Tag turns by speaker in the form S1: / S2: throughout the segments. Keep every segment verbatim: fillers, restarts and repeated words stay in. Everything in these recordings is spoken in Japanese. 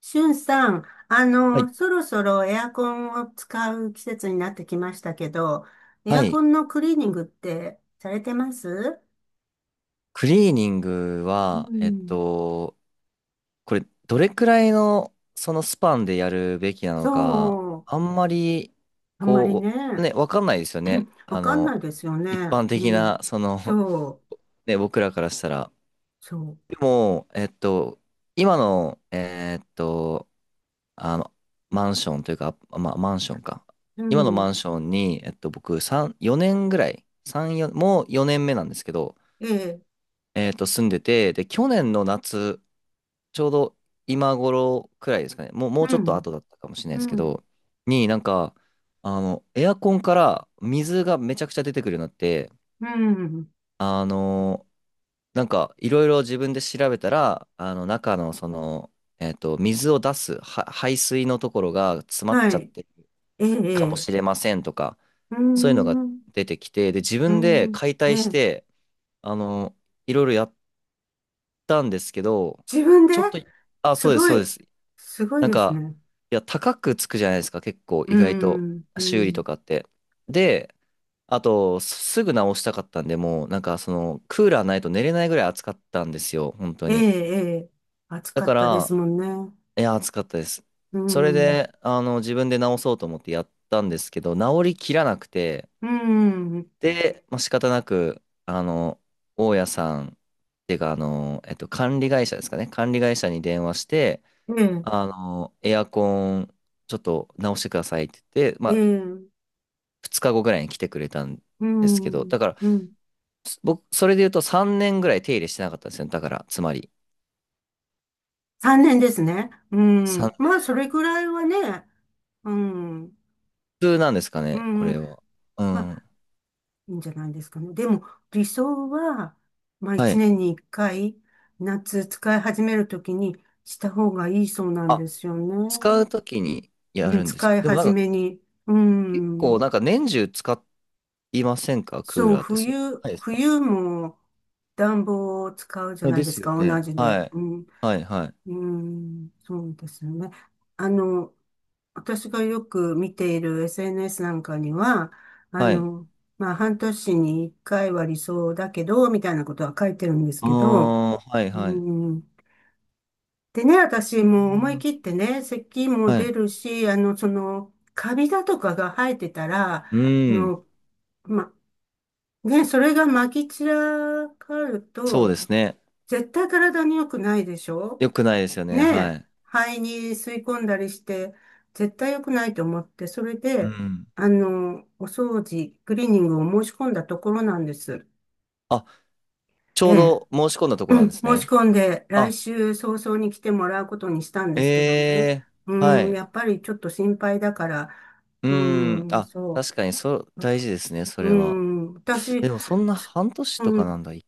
S1: しゅんさん、あ
S2: はい。
S1: の、そろそろエアコンを使う季節になってきましたけど、エ
S2: は
S1: アコ
S2: い。
S1: ンのクリーニングってされてます？
S2: クリーニング
S1: う
S2: は、えっ
S1: ん。
S2: と、これ、どれくらいの、そのスパンでやるべきなのか、
S1: そう。
S2: あんまり、
S1: あんまり
S2: こう、
S1: ね、
S2: ね、わかんないですよね。
S1: わ
S2: あ
S1: かんな
S2: の、
S1: いですよ
S2: 一
S1: ね。
S2: 般
S1: う
S2: 的な、
S1: ん。
S2: その、
S1: そう。
S2: ね、僕らからしたら。
S1: そ
S2: でも、えっと、今の、えっと、あの、マンションというか、あまあ、マンションか。
S1: う。う
S2: 今の
S1: ん。
S2: マンションに、えっと、僕、さん、よねんぐらい、さん、よん、もうよねんめなんですけど、
S1: ええ。
S2: えっと、住んでて、で、去年の夏、ちょうど今頃くらいですかね、もう、もう
S1: う
S2: ちょっと
S1: ん。
S2: 後だったかもしれない
S1: う
S2: ですけ
S1: ん。
S2: ど、になんか、あの、エアコンから水がめちゃくちゃ出てくるようになって、
S1: うん。
S2: あの、なんか、いろいろ自分で調べたら、あの、中のその、えっと、水を出すは排水のところが詰まっ
S1: は
S2: ちゃっ
S1: い。
S2: てる
S1: ええ。
S2: かも
S1: ええ
S2: しれませんとか、
S1: うー
S2: そういうのが
S1: ん。
S2: 出てきて、で、自
S1: う
S2: 分で
S1: ん。
S2: 解体
S1: え
S2: し
S1: え。
S2: て、あの、いろいろやったんですけど、
S1: 自分で。
S2: ちょっと、あ、そ
S1: す
S2: うです、
S1: ご
S2: そうで
S1: い。
S2: す。
S1: すごい
S2: なん
S1: です
S2: か、
S1: ね。
S2: いや、高くつくじゃないですか、結構、
S1: う
S2: 意外と、
S1: ん。う
S2: 修理と
S1: ん。
S2: かって。で、あと、すぐ直したかったんで、もう、なんか、その、クーラーないと寝れないぐらい暑かったんですよ、本当
S1: ええ、
S2: に。
S1: ええ、暑
S2: だ
S1: か
S2: か
S1: ったです
S2: ら、
S1: もんね。
S2: いや、暑かったです。
S1: う
S2: それ
S1: ん、
S2: で、あの、自分で直そうと思ってやったんですけど、直りきらなくて、
S1: うん、
S2: で、まあ、仕方なく、あの、大家さん、っていうか、あの、えっと、管理会社ですかね。管理会社に電話して、
S1: ええ、
S2: あの、エアコン、ちょっと直してくださいって言って、ま
S1: え
S2: あ、
S1: え、
S2: ふつかごぐらいに来てくれたん
S1: う
S2: ですけど、
S1: ん、
S2: だから、
S1: うん。
S2: す僕、それで言うとさんねんぐらい手入れしてなかったんですよね。だから、つまり、
S1: さんねんですね。う
S2: さん
S1: ん。まあ、それぐらいはね、うん、
S2: 普通なんですか
S1: う
S2: ね、こ
S1: ん、
S2: れは。う
S1: ま
S2: ん。
S1: あ、いいんじゃないですかね。でも、理想は、まあ、
S2: は
S1: 1
S2: い。
S1: 年にいっかい、夏使い始めるときにした方がいいそうなん
S2: あ、
S1: ですよ
S2: 使う
S1: ね。
S2: ときにや
S1: うん、
S2: るんです。
S1: 使い
S2: でもなん
S1: 始
S2: か、
S1: めに。う
S2: 結
S1: ん。
S2: 構、なんか年中使いませんか、クー
S1: そう、
S2: ラーって。そうじ
S1: 冬、
S2: ゃないですか。
S1: 冬も暖房を使うじゃ
S2: はい、
S1: ない
S2: で
S1: です
S2: すよ
S1: か、同
S2: ね。
S1: じで。
S2: はい。
S1: うん、
S2: はい、はい。
S1: うん、そうですね。あの、私がよく見ている エスエヌエス なんかには、あ
S2: はい。
S1: の、まあ、半年に一回は理想だけど、みたいなことは書いてるんです
S2: あ
S1: けど、
S2: あ、はい、
S1: う
S2: はい。
S1: ん、でね、
S2: う
S1: 私もう思い
S2: ん、
S1: 切ってね、咳も
S2: は
S1: 出
S2: い。
S1: るし、あの、その、カビだとかが生えてたら、
S2: う
S1: あ
S2: ーん、
S1: の、まね、それがまき散らかる
S2: そうで
S1: と、
S2: すね。
S1: 絶対体に良くないでしょ？
S2: よくないですよ
S1: ね
S2: ね。は
S1: え、
S2: い。
S1: 肺に吸い込んだりして、絶対良くないと思って、それ
S2: う
S1: で、
S2: ん。
S1: あの、お掃除、クリーニングを申し込んだところなんです。
S2: あ、ち
S1: え
S2: ょう
S1: え、
S2: ど申し込んだとこ
S1: う
S2: なんで
S1: ん、
S2: す
S1: 申し
S2: ね。
S1: 込んで、来
S2: あ、
S1: 週早々に来てもらうことにしたんで
S2: え
S1: すけどね。
S2: え、
S1: う
S2: は
S1: ん、
S2: い。
S1: やっぱりちょっと心配だから、
S2: う
S1: う
S2: ん。
S1: ん、
S2: あ、
S1: そ
S2: 確かに、そ、
S1: う。
S2: 大事ですね、そ
S1: う
S2: れは。
S1: ん、私、
S2: でも、そんな
S1: つ
S2: 半年と
S1: う
S2: かな
S1: ん、
S2: んだ。い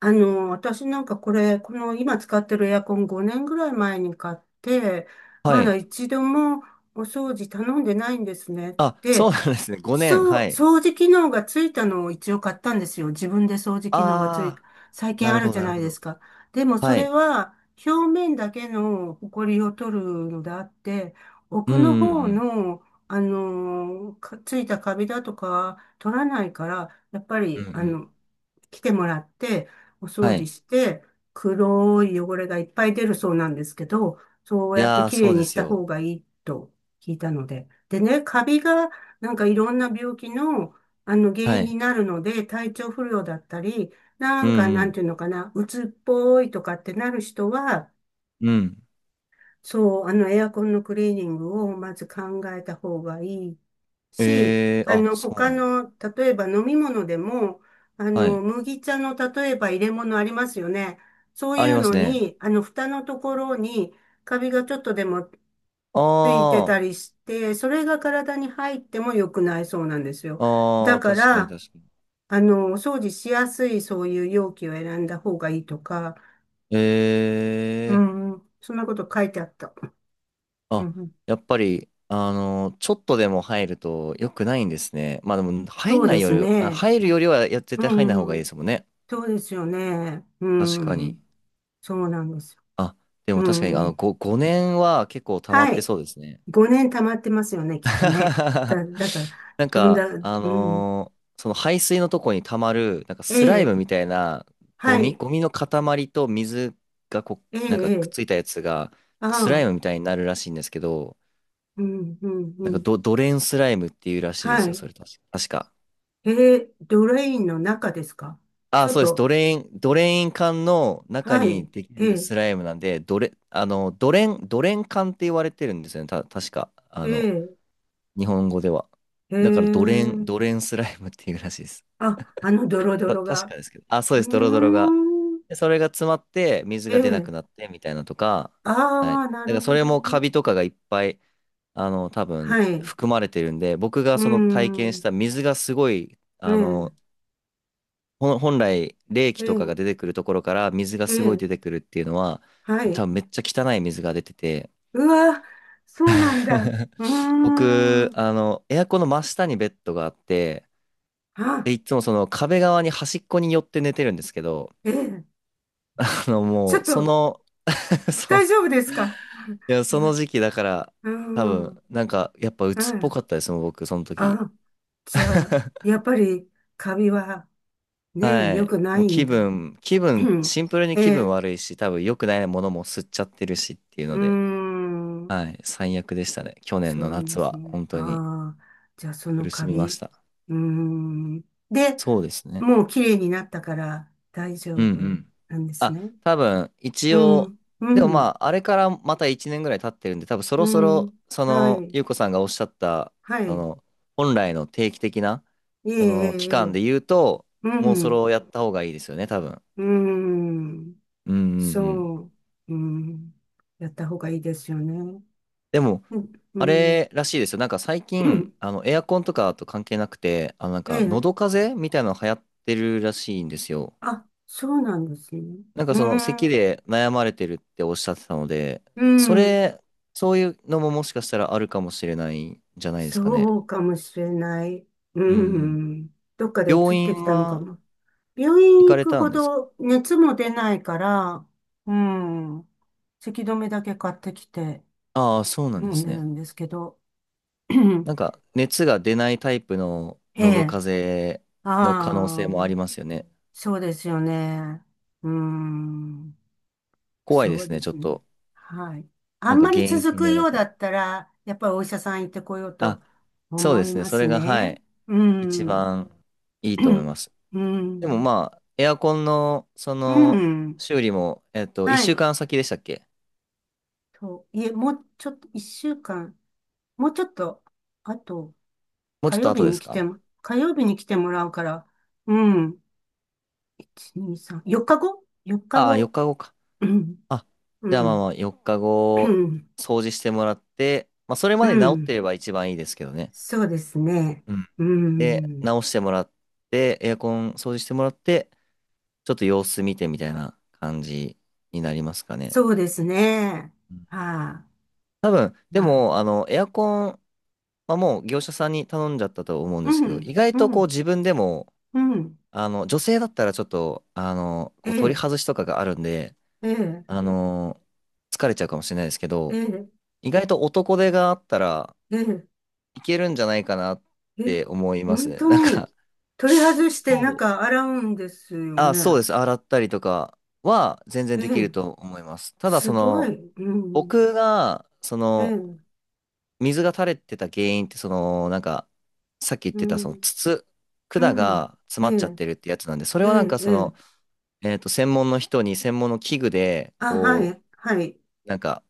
S1: あの、私なんかこれ、この今使ってるエアコンごねんぐらい前に買って、
S2: は
S1: ま
S2: い。
S1: だ一度もお掃除頼んでないんですね。
S2: あ、そ
S1: で、
S2: うなんですね。ごねん。
S1: そ
S2: は
S1: う、
S2: い。
S1: 掃除機能がついたのを一応買ったんですよ。自分で掃除機能がつい、
S2: あ
S1: 最
S2: あ、な
S1: 近あ
S2: る
S1: る
S2: ほど、
S1: じゃ
S2: なる
S1: ない
S2: ほ
S1: で
S2: ど。
S1: すか。でもそ
S2: は
S1: れ
S2: い。
S1: は表面だけの埃を取るのであって、
S2: う
S1: 奥の
S2: ん、う
S1: 方
S2: ん、
S1: の、あのーかついたカビだとか取らないから、やっぱ
S2: うん。
S1: り、
S2: うん、う
S1: あ
S2: ん。
S1: の、来てもらって、お掃
S2: は
S1: 除
S2: い。
S1: して、黒い汚れがいっぱい出るそうなんですけど、そう
S2: い
S1: やって
S2: やー、
S1: きれ
S2: そ
S1: い
S2: うで
S1: にし
S2: す
S1: た
S2: よ。
S1: 方がいいと聞いたので。でね、カビが、なんかいろんな病気の、あの原
S2: は
S1: 因に
S2: い。
S1: なるので、体調不良だったり、な
S2: うん、
S1: んか
S2: う
S1: なん
S2: ん、
S1: ていうのかな、うつっぽいとかってなる人は、
S2: うん。
S1: そう、あの、エアコンのクリーニングをまず考えた方がいいし、
S2: ええ、
S1: あ
S2: あ、
S1: の、
S2: そう
S1: 他
S2: なんだ。
S1: の、例えば飲み物でも、あ
S2: は
S1: の、
S2: い。
S1: 麦茶の例えば入れ物ありますよね。そうい
S2: あり
S1: う
S2: ます
S1: の
S2: ね。
S1: に、あの、蓋のところにカビがちょっとでもついてた
S2: あ
S1: りして、それが体に入っても良くないそうなんですよ。
S2: あ、あ
S1: だ
S2: あ、
S1: か
S2: 確かに、
S1: ら、
S2: 確かに。
S1: あの、お掃除しやすいそういう容器を選んだ方がいいとか、
S2: え
S1: う
S2: ー、
S1: ん、そんなこと書いてあった。う
S2: あ、
S1: ん
S2: やっぱり、あの、ちょっとでも入ると良くないんですね。まあでも、入
S1: そ
S2: ん
S1: う
S2: な
S1: で
S2: い
S1: す
S2: より、あ、
S1: ね。
S2: 入るよりはや、絶
S1: う
S2: 対入んない方がいいで
S1: ん。
S2: すもんね。
S1: そうですよね。う
S2: 確かに。
S1: ん。そうなんですよ。
S2: あ、でも
S1: う
S2: 確かに、あの、
S1: ん。
S2: ご、ごねんは結構溜まっ
S1: は
S2: て
S1: い。
S2: そうですね。
S1: ごねん溜まってますよね、きっとね。だ、だから、
S2: なん
S1: どん
S2: か、
S1: な、う
S2: あ
S1: ん。
S2: のーその排水のとこに溜まる、なんか
S1: え
S2: スライムみ
S1: え。
S2: たいなゴ
S1: は
S2: ミ、
S1: い。
S2: ゴミの塊と水がこ
S1: ええ、
S2: う、なんか
S1: え
S2: くっつい
S1: え。
S2: たやつが、
S1: あ
S2: スライム
S1: あ。
S2: みたいになるらしいんですけど、
S1: うん、うん、う
S2: なんか
S1: ん。
S2: ド、ドレーンスライムっていうらしいで
S1: は
S2: すよ、
S1: い。
S2: それ確か。確か。
S1: ええ、ドレインの中ですか？
S2: あ、そうです。ド
S1: 外。
S2: レーン、ドレーン管の中
S1: は
S2: に
S1: い。
S2: でき
S1: え
S2: る
S1: え、
S2: スライムなんで、ドレ、あの、ドレン、ドレン管って言われてるんですよね。た、確か。あの、
S1: え
S2: 日本語では。
S1: え、え
S2: だからドレン、ド
S1: え。
S2: レンスライムっていうらしいです。
S1: あ、あのドロド
S2: た、
S1: ロ
S2: 確
S1: が。
S2: かですけど。あ、そう
S1: う
S2: で
S1: ー
S2: す。ドロドロが。
S1: ん。
S2: で、それが詰まって水
S1: え
S2: が出な
S1: え。
S2: くなってみたいなとか。
S1: あ
S2: はい。だ
S1: あ、な
S2: か
S1: る
S2: らそ
S1: ほ
S2: れ
S1: ど。
S2: もカビとかがいっぱい、あの、多
S1: は
S2: 分
S1: い。う
S2: 含まれてるんで、僕が
S1: ー
S2: その体験し
S1: ん。
S2: た水がすごい、
S1: え
S2: あ
S1: え、
S2: の、ほん本来、冷気
S1: え
S2: と
S1: え、
S2: かが出てくるところから水が
S1: え
S2: すごい
S1: え、
S2: 出てくるっていうのは、
S1: は
S2: 多
S1: い。
S2: 分めっちゃ汚い水が出てて、
S1: うわ、そうなんだ。うー
S2: 僕、
S1: ん。
S2: あの、エアコンの真下にベッドがあって、
S1: あ、
S2: で、いつもその壁側に端っこに寄って寝てるんですけど、
S1: ええ、
S2: あの、
S1: ち
S2: も
S1: ょっ
S2: う、そ
S1: と、
S2: の そ
S1: 大
S2: う、
S1: 丈夫ですか？
S2: いや、その時期だから、
S1: うー
S2: 多
S1: ん、
S2: 分、なんか、やっぱ
S1: う
S2: 鬱っぽか
S1: ん。
S2: ったですもん、僕、その時。
S1: あ、じゃあ、や っぱり、カビは、ね、
S2: は
S1: 良
S2: い。
S1: くな
S2: もう
S1: いん
S2: 気
S1: だ。
S2: 分、気分、
S1: うん
S2: シンプルに
S1: え
S2: 気分
S1: え、
S2: 悪いし、多分良くないものも吸っちゃってるしっていう
S1: うー
S2: ので。
S1: ん。
S2: はい、最悪でしたね。去年の
S1: そう
S2: 夏
S1: です
S2: は
S1: ね。
S2: 本当に
S1: ああ、じゃあその
S2: 苦し
S1: カ
S2: みまし
S1: ビ。
S2: た。
S1: うーん。で、
S2: そうですね。
S1: もう綺麗になったから大
S2: う
S1: 丈
S2: ん、
S1: 夫
S2: うん。
S1: なんです
S2: あ、
S1: ね。
S2: 多分一
S1: う
S2: 応、
S1: ん、う
S2: でもま
S1: ん、
S2: あ、あれからまたいちねんぐらい経ってるんで、多分そ
S1: う
S2: ろそ
S1: ん。
S2: ろ、そ
S1: は
S2: の、
S1: い、
S2: ゆうこさんがおっしゃった、
S1: は
S2: そ
S1: い。
S2: の、本来の定期的な、
S1: いえい
S2: そ
S1: え
S2: の、期
S1: い
S2: 間
S1: え。
S2: で言うと、
S1: う
S2: もうそれ
S1: ん、
S2: をやった方がいいですよね、多分。
S1: うん。
S2: うん、うん、うん。
S1: そう。うん。やった方がいいですよね。
S2: でも、
S1: うん、う
S2: あ
S1: ん。
S2: れらしいですよ。なんか最 近、あの、エアコンとかと関係なくて、あの、なん
S1: え
S2: か、喉
S1: え。
S2: 風邪みたいなの流行ってるらしいんですよ。
S1: あ、そうなんですね。
S2: なんか
S1: う
S2: その咳
S1: ん、
S2: で悩まれてるっておっしゃってたので、
S1: う
S2: そ
S1: ん。
S2: れ、そういうのももしかしたらあるかもしれないんじゃないですかね。
S1: そうかもしれない。う
S2: うん、うん。
S1: ん。どっかで移っ
S2: 病
S1: てき
S2: 院
S1: たのか
S2: は
S1: も。病
S2: 行
S1: 院
S2: か
S1: 行
S2: れ
S1: く
S2: た
S1: ほ
S2: んですか？
S1: ど熱も出ないから、うん。せき止めだけ買ってきて
S2: ああ、そうなん
S1: 飲
S2: で
S1: ん
S2: す
S1: でる
S2: ね。
S1: んですけど。
S2: なんか熱が出ないタイプの
S1: え
S2: 喉
S1: え。
S2: 風邪の可能性
S1: あ
S2: もあ
S1: あ、
S2: りますよね。
S1: そうですよね。うん。
S2: 怖いで
S1: そう
S2: すね、
S1: で
S2: ちょっ
S1: すね。
S2: と。
S1: はい。あ
S2: なん
S1: ん
S2: か
S1: まり
S2: 原因
S1: 続
S2: 不
S1: く
S2: 明だ
S1: ようだ
S2: と。
S1: ったら、やっぱりお医者さん行ってこよう
S2: あ、
S1: と
S2: そう
S1: 思
S2: で
S1: い
S2: すね。
S1: ま
S2: そ
S1: す
S2: れが、は
S1: ね。
S2: い、
S1: う
S2: 一
S1: ん。
S2: 番いいと思います。
S1: う
S2: でも
S1: ん。
S2: まあ、エアコンの、そ
S1: う
S2: の、
S1: ん。
S2: 修理も、えっと、
S1: は
S2: 1週
S1: い。
S2: 間先でしたっけ？
S1: と、いえ、もうちょっと、一週間、もうちょっと、あと、
S2: もうち
S1: 火
S2: ょっと
S1: 曜日
S2: 後で
S1: に
S2: す
S1: 来て
S2: か？
S1: も、火曜日に来てもらうから、うん。いち、に、さん、よっかご？ よっか 日
S2: ああ、4
S1: 後。
S2: 日後か。
S1: うん。
S2: あ、
S1: う
S2: じゃあまあま
S1: ん。
S2: あ、4日
S1: う
S2: 後、
S1: ん。
S2: 掃除してもらって、まあ、それまで
S1: う
S2: 治って
S1: ん
S2: れば一番いいですけどね。
S1: そうですね。
S2: うん。
S1: う
S2: で、
S1: ん。
S2: 直してもらって、エアコン掃除してもらって、ちょっと様子見てみたいな感じになりますかね。
S1: そうですね。
S2: うん。
S1: はあ、
S2: 多分、で
S1: まあ。
S2: も、あの、エアコン、まあ、もう業者さんに頼んじゃったと思うん
S1: う
S2: ですけど、
S1: ん。
S2: 意外
S1: う
S2: とこう
S1: ん。
S2: 自分でも
S1: うん。
S2: あの、女性だったらちょっと、あの、
S1: え
S2: こう取り
S1: え、
S2: 外しとかがあるんで、
S1: ええ、
S2: あの、疲れちゃうかもしれないですけ
S1: え
S2: ど、
S1: え、
S2: 意外と男手があったら
S1: ええ。
S2: いけるんじゃないかなっ
S1: え、
S2: て思います
S1: 本
S2: ね。
S1: 当
S2: なん
S1: に
S2: か、
S1: 取り外して
S2: そう。
S1: 中洗うんですよ
S2: あ、そう
S1: ね。
S2: です。洗ったりとかは全然
S1: え
S2: できる
S1: え、
S2: と思います。ただ、
S1: す
S2: そ
S1: ご
S2: の、
S1: い。うん。
S2: 僕が、そ
S1: え
S2: の、
S1: え、
S2: 水が垂れてた原因って、その、なんか、さっき言っ
S1: う
S2: てた、その、
S1: ん。
S2: 筒、
S1: う
S2: 管
S1: ん。
S2: が詰
S1: え
S2: まっちゃっ
S1: え、
S2: てるってやつなんで、それ
S1: え
S2: はなん
S1: え、
S2: か、そ
S1: ええ。
S2: の、えっと、専門の人に専門の器具で、
S1: あ、は
S2: こ
S1: い、はい。
S2: う、なんか、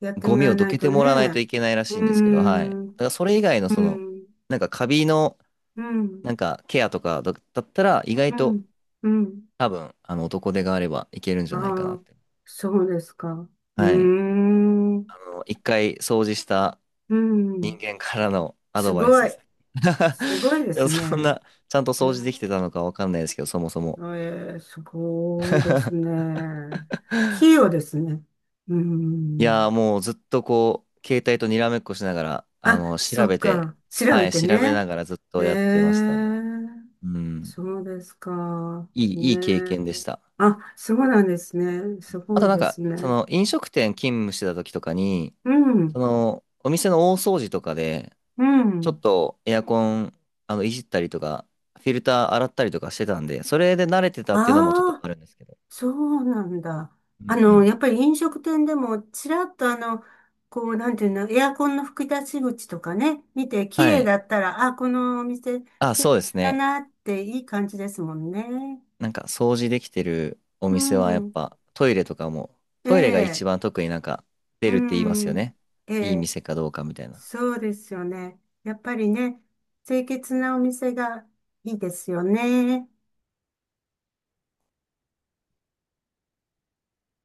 S1: やって
S2: ゴ
S1: も
S2: ミ
S1: らわ
S2: をど
S1: ない
S2: け
S1: と
S2: て
S1: ね。
S2: もらわないといけないら
S1: う
S2: し
S1: ー
S2: いんですけど、はい。だか
S1: ん、
S2: らそれ以外の
S1: う
S2: その、
S1: ん、う
S2: なんかカビの、
S1: ん、
S2: なんかケアとかだだったら、意外
S1: う
S2: と
S1: ん、うん。
S2: 多分、あの、男手があればいけるんじ
S1: あ
S2: ゃないかなっ
S1: あ、
S2: て。
S1: そうですか。うー
S2: はい。
S1: ん、
S2: あの、一回掃除した
S1: うん。
S2: 人間からのア
S1: す
S2: ドバイス
S1: ご
S2: で
S1: い。
S2: す。
S1: すごい で
S2: でも
S1: す
S2: そん
S1: ね。
S2: な、ちゃんと
S1: え
S2: 掃除できて
S1: え
S2: たのかわかんないですけど、そもそも。
S1: ええ、すごいです ね。器用ですね。う
S2: いやー
S1: ん。
S2: もうずっとこう、携帯とにらめっこしながら、あ
S1: あ、
S2: の、
S1: そ
S2: 調
S1: う
S2: べて、
S1: か。調
S2: は
S1: べ
S2: い、
S1: て
S2: 調べ
S1: ね。
S2: ながらずっ
S1: え
S2: とやってましたね。
S1: え、
S2: うん。
S1: そうですか。
S2: いい、
S1: ね
S2: いい経
S1: え。
S2: 験でした。
S1: あ、そうなんですね。す
S2: あ
S1: ご
S2: と
S1: い
S2: なん
S1: です
S2: か、そ
S1: ね。
S2: の飲食店勤務してた時とかに、
S1: う
S2: そ
S1: ん、
S2: の、お店の大掃除とかで、
S1: う
S2: ちょっ
S1: ん。
S2: とエアコン、あの、いじったりとか、フィルター洗ったりとかしてたんで、それで慣れてたっていうのもちょっと
S1: あ
S2: あるんですけど。
S1: そうなんだ。
S2: う
S1: あ
S2: ん、う
S1: の、
S2: ん。
S1: やっぱり飲食店でも、ちらっとあの、こう、なんていうの、エアコンの吹き出し口とかね、見て、綺
S2: は
S1: 麗
S2: い。
S1: だったら、あ、このお店、
S2: あ、
S1: 素
S2: そう
S1: 敵
S2: です
S1: だ
S2: ね。
S1: なって、いい感じですもんね。
S2: なんか掃除できてるお
S1: う
S2: 店はやっ
S1: ん。
S2: ぱトイレとかも、
S1: え
S2: トイレが一
S1: え、
S2: 番特になんか出
S1: う
S2: るって言いますよ
S1: ん。
S2: ね。
S1: え
S2: いい
S1: え、
S2: 店かどうかみたいな。
S1: そうですよね。やっぱりね、清潔なお店がいいですよね。